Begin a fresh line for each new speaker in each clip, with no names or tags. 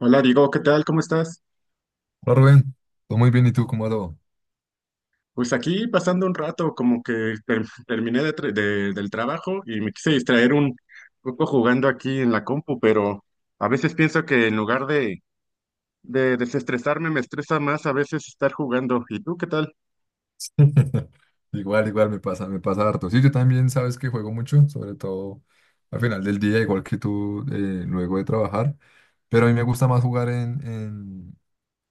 Hola Diego, ¿qué tal? ¿Cómo estás?
Hola Rubén, todo muy bien, ¿y tú cómo va todo?
Pues aquí pasando un rato, como que terminé del trabajo y me quise distraer un poco jugando aquí en la compu, pero a veces pienso que en lugar de desestresarme, me estresa más a veces estar jugando. ¿Y tú qué tal?
Igual, igual me pasa harto. Sí, yo también sabes que juego mucho, sobre todo al final del día, igual que tú, luego de trabajar, pero a mí me gusta más jugar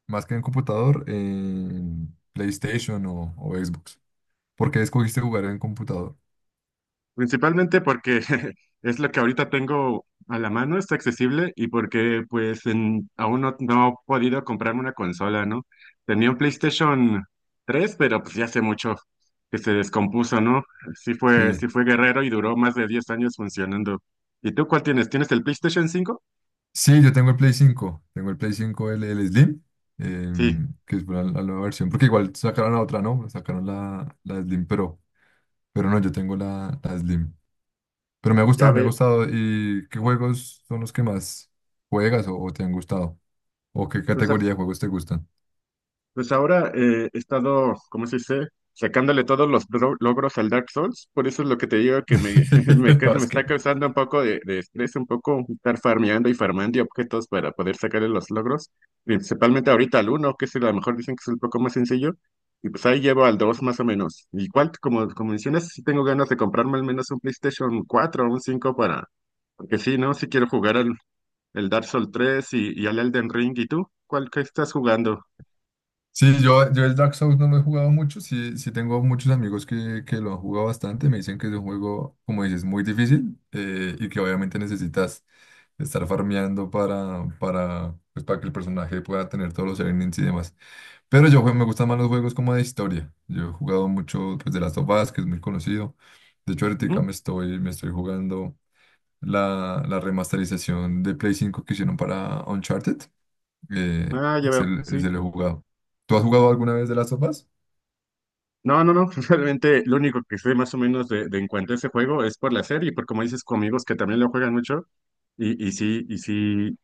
más que en computador, en PlayStation o Xbox. ¿Por qué escogiste jugar en computador?
Principalmente porque es lo que ahorita tengo a la mano, está accesible y porque aún no he podido comprarme una consola, ¿no? Tenía un PlayStation tres, pero pues ya hace mucho que se descompuso, ¿no? Sí fue,
Sí.
sí fue guerrero y duró más de 10 años funcionando. ¿Y tú cuál tienes? ¿Tienes el PlayStation cinco?
Sí, yo tengo el Play cinco, el Slim,
Sí,
que es la nueva versión, porque igual sacaron la otra, ¿no? Sacaron la Slim, pero no, yo tengo la Slim. Pero me ha
ya
gustado, me ha
ve.
gustado. ¿Y qué juegos son los que más juegas o te han gustado? ¿O qué
pues,
categoría de juegos te gustan?
Pues ahora he estado, ¿cómo se dice? Sacándole todos los logros al Dark Souls. Por eso es lo que te digo que me,
No,
me
es
está
que...
causando un poco de estrés, un poco estar farmeando y farmeando y objetos para poder sacarle los logros. Principalmente ahorita al uno que a lo mejor dicen que es un poco más sencillo. Y pues ahí llevo al 2 más o menos. Igual, como mencionas, sí tengo ganas de comprarme al menos un PlayStation cuatro o un 5 para... Porque sí, ¿no? Sí quiero jugar al el Dark Souls tres y al Elden Ring. ¿Y tú? ¿Cuál que estás jugando?
Sí, yo el Dark Souls no lo he jugado mucho. Sí, sí tengo muchos amigos que lo han jugado bastante, me dicen que es un juego, como dices, muy difícil, y que obviamente necesitas estar farmeando pues, para que el personaje pueda tener todos los elements y demás. Pero me gustan más los juegos como de historia. Yo he jugado mucho, pues, de Last of Us, que es muy conocido. De hecho, ahorita me estoy jugando la remasterización de Play 5 que hicieron para Uncharted. Eh,
Ah, ya
se,
veo,
lo
sí.
se lo he jugado. ¿Tú has jugado alguna vez de las sofás?
No, realmente lo único que sé más o menos de en cuanto a ese juego es por la serie, por como dices, con amigos que también lo juegan mucho y, y sí, y sí,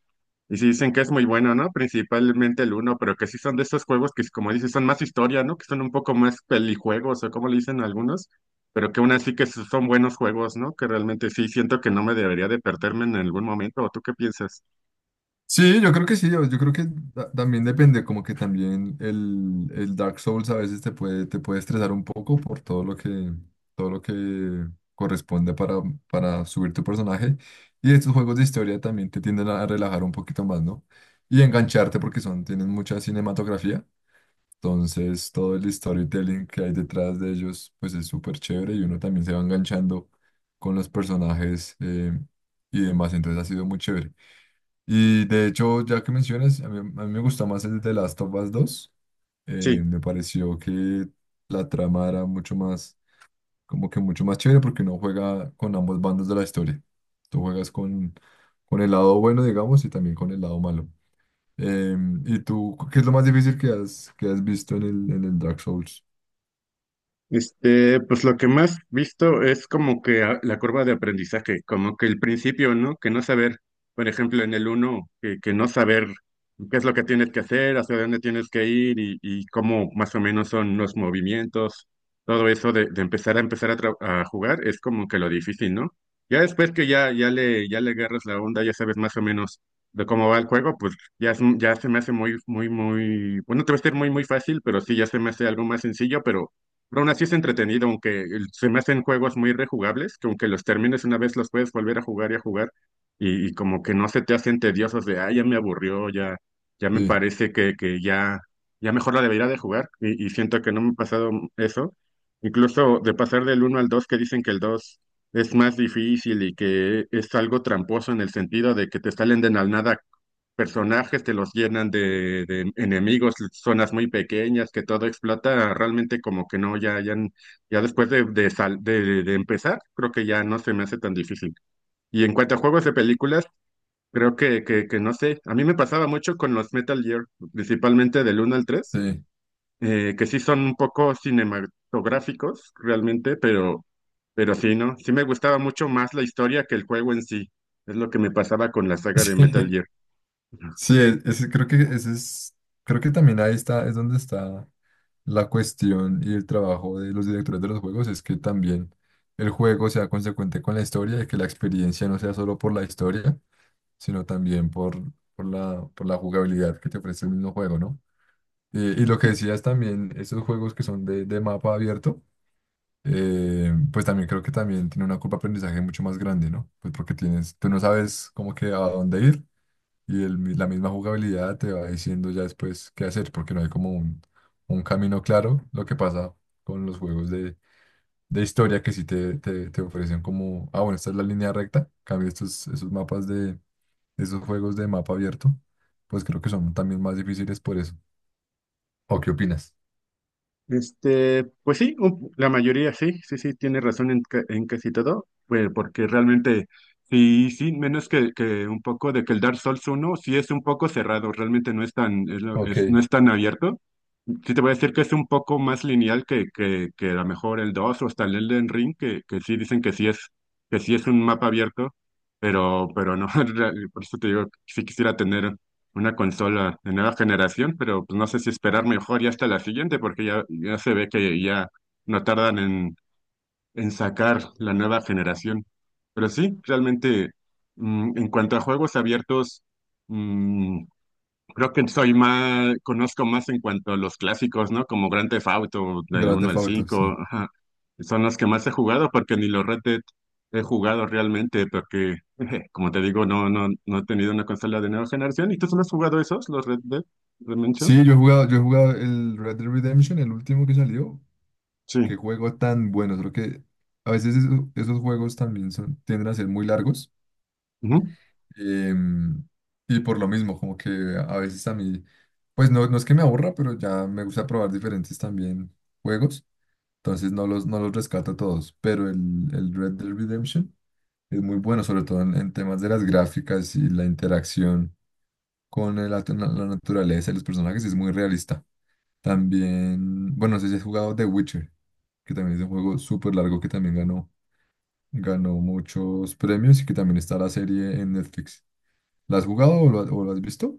y sí dicen que es muy bueno, ¿no? Principalmente el uno, pero que sí son de esos juegos que, como dices, son más historia, ¿no? Que son un poco más pelijuegos o como le dicen algunos, pero que aún así son buenos juegos, ¿no? Que realmente sí siento que no me debería de perderme en algún momento. ¿O tú qué piensas?
Sí, yo creo que sí. Yo creo que también depende, como que también el Dark Souls a veces te puede estresar un poco por todo lo que corresponde para subir tu personaje. Y estos juegos de historia también te tienden a relajar un poquito más, ¿no? Y engancharte porque tienen mucha cinematografía. Entonces, todo el storytelling que hay detrás de ellos, pues es súper chévere, y uno también se va enganchando con los personajes, y demás. Entonces, ha sido muy chévere. Y de hecho, ya que mencionas, a mí me gusta más el de Last of Us 2.
Sí.
Me pareció que la trama era mucho más, como que mucho más chévere porque uno juega con ambos bandos de la historia. Tú juegas con el lado bueno, digamos, y también con el lado malo. ¿Y tú qué es lo más difícil que has visto en el Dark Souls?
Este, pues lo que más visto es como que la curva de aprendizaje, como que el principio, ¿no? Que no saber, por ejemplo, en el uno, que no saber qué es lo que tienes que hacer, hacia dónde tienes que ir y cómo más o menos son los movimientos, todo eso de empezar a jugar es como que lo difícil, ¿no? Ya después que ya le agarras la onda, ya sabes más o menos de cómo va el juego, pues ya, ya se me hace bueno, te va a ser muy fácil, pero sí, ya se me hace algo más sencillo, pero aún así es entretenido, aunque se me hacen juegos muy rejugables, que aunque los termines una vez los puedes volver a jugar y a jugar, y como que no se te hacen tediosos de, ah, ya me aburrió, ya, ya me
Sí,
parece que ya, ya mejor la debería de jugar, y siento que no me ha pasado eso. Incluso de pasar del uno al dos, que dicen que el 2 es más difícil y que es algo tramposo en el sentido de que te salen de la nada personajes, te los llenan de enemigos, zonas muy pequeñas, que todo explota, realmente como que no, ya, ya, ya después de, sal- de empezar, creo que ya no se me hace tan difícil. Y en cuanto a juegos de películas, creo que no sé, a mí me pasaba mucho con los Metal Gear, principalmente del uno al tres,
sí,
que sí son un poco cinematográficos realmente, pero sí, ¿no? Sí me gustaba mucho más la historia que el juego en sí. Es lo que me pasaba con la saga de Metal
sí,
Gear. Ujú.
sí, creo que ese es... Creo que también ahí está, es donde está la cuestión y el trabajo de los directores de los juegos. Es que también el juego sea consecuente con la historia, y que la experiencia no sea solo por la historia, sino también por la jugabilidad que te ofrece el mismo juego, ¿no? Y lo que
Sí.
decías también, esos juegos que son de mapa abierto, pues también creo que también tiene una curva de aprendizaje mucho más grande, ¿no? Pues porque tú no sabes como que a dónde ir. Y la misma jugabilidad te va diciendo ya después qué hacer, porque no hay como un camino claro. Lo que pasa con los juegos de historia, que sí te ofrecen como, ah, bueno, esta es la línea recta. En cambio, estos, esos mapas de, esos juegos de mapa abierto, pues creo que son también más difíciles por eso. ¿O qué opinas?
Este, pues sí, la mayoría sí, tiene razón en casi todo, pues porque realmente sí, menos que un poco de que el Dark Souls 1 sí es un poco cerrado, realmente no es tan,
Ok.
no es tan abierto. Sí, te voy a decir que es un poco más lineal que a lo mejor el 2 o hasta el Elden Ring, que sí dicen que sí es un mapa abierto, pero no, por eso te digo, sí quisiera tener una consola de nueva generación, pero pues, no sé si esperar mejor ya hasta la siguiente, porque ya se ve que ya no tardan en sacar la nueva generación. Pero sí, realmente, en cuanto a juegos abiertos, mm, creo que soy más, conozco más en cuanto a los clásicos, ¿no? Como Grand Theft Auto, del
Grand
uno
Theft
al
Auto, sí.
5, ajá. Son los que más he jugado porque ni los Red Dead he jugado realmente porque, como te digo, no he tenido una consola de nueva generación. ¿Y tú solo has jugado esos, los Red Dead Redemption?
Sí, yo he jugado el Red Dead Redemption, el último que salió. Qué
Sí.
juego tan bueno. Creo que a veces, esos juegos también tienden a ser muy largos. Em, y por lo mismo, como que a veces a mí, pues no, no es que me aburra, pero ya me gusta probar diferentes también juegos. Entonces no los rescato todos, pero el Red Dead Redemption es muy bueno, sobre todo en temas de las gráficas, y la interacción con la naturaleza y los personajes es muy realista. También, bueno, no sé si has jugado The Witcher, que también es un juego súper largo, que también ganó muchos premios y que también está la serie en Netflix. ¿La has jugado o lo has visto?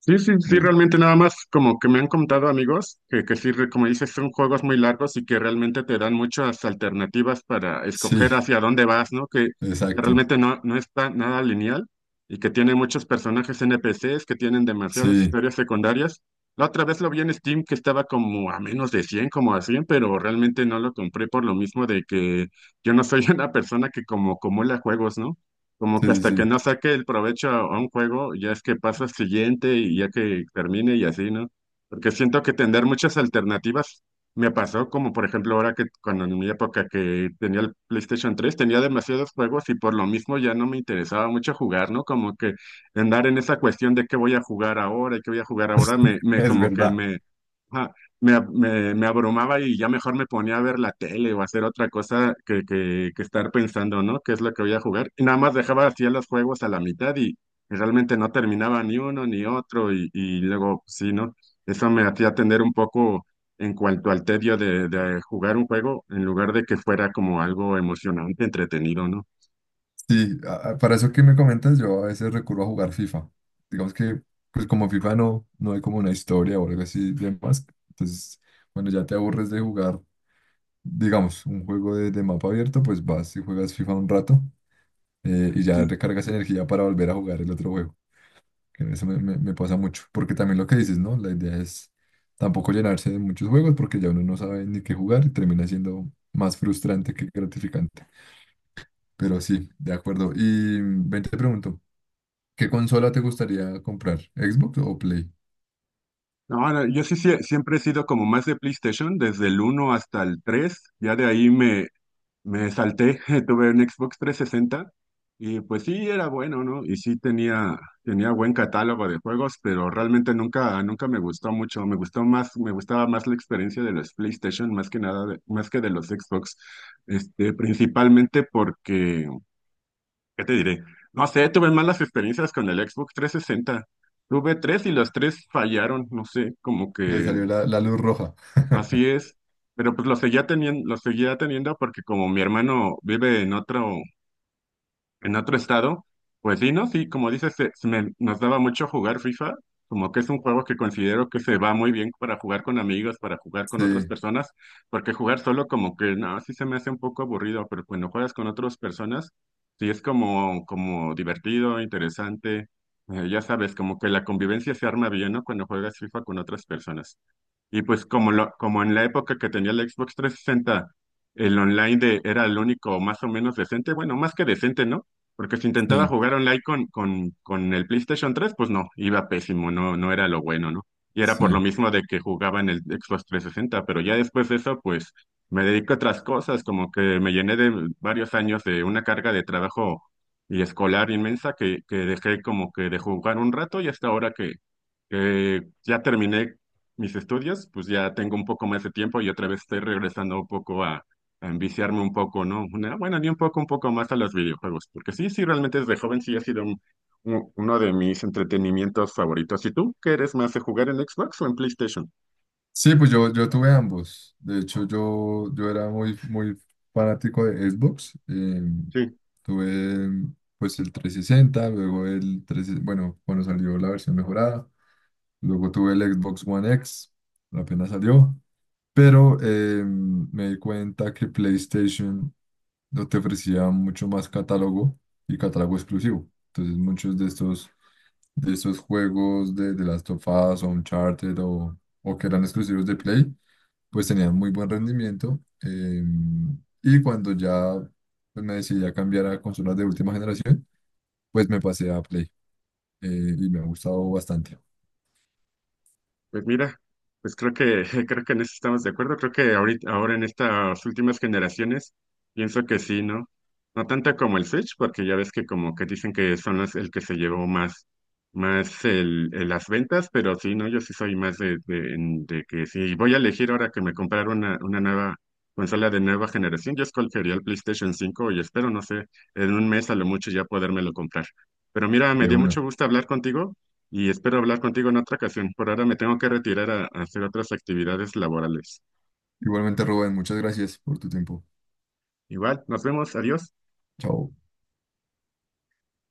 Sí, sí, sí,
De-
realmente nada más como que me han contado amigos que sí, como dices, son juegos muy largos y que realmente te dan muchas alternativas para
Sí,
escoger hacia dónde vas, ¿no? Que
exacto.
realmente no, no está nada lineal y que tiene muchos personajes NPCs que tienen demasiadas
Sí,
historias secundarias. La otra vez lo vi en Steam que estaba como a menos de cien, como a 100, pero realmente no lo compré por lo mismo de que yo no soy una persona que como acumula juegos, ¿no? Como
sí,
que
sí,
hasta que
sí.
no saque el provecho a un juego, ya es que pasa al siguiente y ya que termine y así, ¿no? Porque siento que tener muchas alternativas me pasó, como por ejemplo ahora que cuando en mi época que tenía el PlayStation tres tenía demasiados juegos y por lo mismo ya no me interesaba mucho jugar, ¿no? Como que andar en esa cuestión de qué voy a jugar ahora y qué voy a jugar ahora, me, me
Es
como que
verdad.
me, ajá, me abrumaba y ya mejor me ponía a ver la tele o hacer otra cosa que estar pensando, ¿no? ¿Qué es lo que voy a jugar? Y nada más dejaba así los juegos a la mitad y realmente no terminaba ni uno ni otro y luego, pues, sí, ¿no? Eso me hacía tener un poco en cuanto al tedio de jugar un juego en lugar de que fuera como algo emocionante, entretenido, ¿no?
Sí, para eso que me comentas, yo a veces recurro a jugar FIFA. Digamos que, pues, como FIFA no, no hay como una historia o algo así de más. Entonces, cuando ya te aburres de jugar, digamos, un juego de mapa abierto, pues vas y juegas FIFA un rato, y ya
Sí.
recargas energía para volver a jugar el otro juego. Que eso me pasa mucho, porque también lo que dices, ¿no? La idea es tampoco llenarse de muchos juegos porque ya uno no sabe ni qué jugar, y termina siendo más frustrante que gratificante. Pero sí, de acuerdo. Y ven, te pregunto, ¿qué consola te gustaría comprar? ¿Xbox o Play?
No, no, yo sí, siempre he sido como más de PlayStation, desde el uno hasta el tres. Ya de ahí me salté, tuve un Xbox trescientos sesenta y pues sí era bueno, ¿no? Tenía buen catálogo de juegos, pero realmente nunca me gustó mucho. Me gustaba más la experiencia de los PlayStation, más que nada, más que de los Xbox. Este, principalmente porque, ¿qué te diré? No sé, tuve malas experiencias con el Xbox trescientos sesenta. Tuve tres y los tres fallaron, no sé, como
Le
que
salió la luz roja.
así es. Pero pues lo seguía teniendo porque como mi hermano vive en otro, en otro estado, pues sí, ¿no? Sí, como dices, nos daba mucho jugar FIFA, como que es un juego que considero que se va muy bien para jugar con amigos, para jugar con otras
Sí,
personas, porque jugar solo como que, no, sí se me hace un poco aburrido, pero cuando juegas con otras personas, sí es como, como divertido, interesante, ya sabes, como que la convivencia se arma bien, ¿no? Cuando juegas FIFA con otras personas. Y pues como lo, como en la época que tenía el Xbox 360, el online era el único más o menos decente, bueno, más que decente, ¿no? Porque si intentaba
sí,
jugar online con el PlayStation 3, pues no, iba pésimo, no, no era lo bueno, ¿no? Y era por lo
sí.
mismo de que jugaba en el Xbox 360, pero ya después de eso, pues me dedico a otras cosas, como que me llené de varios años de una carga de trabajo y escolar inmensa que dejé como que de jugar un rato y hasta ahora que ya terminé mis estudios, pues ya tengo un poco más de tiempo y otra vez estoy regresando un poco a enviciarme un poco, ¿no? Una- bueno, ni un poco, un poco más a los videojuegos, porque sí, sí, realmente desde joven sí ha sido uno de mis entretenimientos favoritos. ¿Y tú, qué eres más de jugar en Xbox o en PlayStation?
Sí, pues yo tuve ambos. De hecho, yo era muy, muy fanático de Xbox.
Sí.
Tuve, pues, el 360, luego el tres, bueno, cuando salió la versión mejorada. Luego tuve el Xbox One X, apenas salió, pero me di cuenta que PlayStation no te ofrecía mucho más catálogo y catálogo exclusivo. Entonces, muchos de estos juegos de Last of Us o Uncharted o que eran exclusivos de Play, pues tenían muy buen rendimiento. Y cuando ya, pues, me decidí a cambiar a consolas de última generación, pues me pasé a Play, eh, y me ha gustado bastante.
Pues mira, pues creo que creo que en eso estamos de acuerdo. Creo que ahorita, ahora en estas últimas generaciones, pienso que sí, ¿no? No tanto como el Switch, porque ya ves que como que dicen que son las, el que se llevó más, más las ventas, pero sí, ¿no? Yo sí soy más de que si voy a elegir ahora que me comprar una nueva consola de nueva generación, yo escogería el PlayStation 5 y espero, no sé, en un mes a lo mucho ya podérmelo comprar. Pero mira, me
De
dio
una.
mucho gusto hablar contigo y espero hablar contigo en otra ocasión. Por ahora me tengo que retirar a hacer otras actividades laborales.
Igualmente, Rubén, muchas gracias por tu tiempo.
Igual, nos vemos, adiós.
Chao.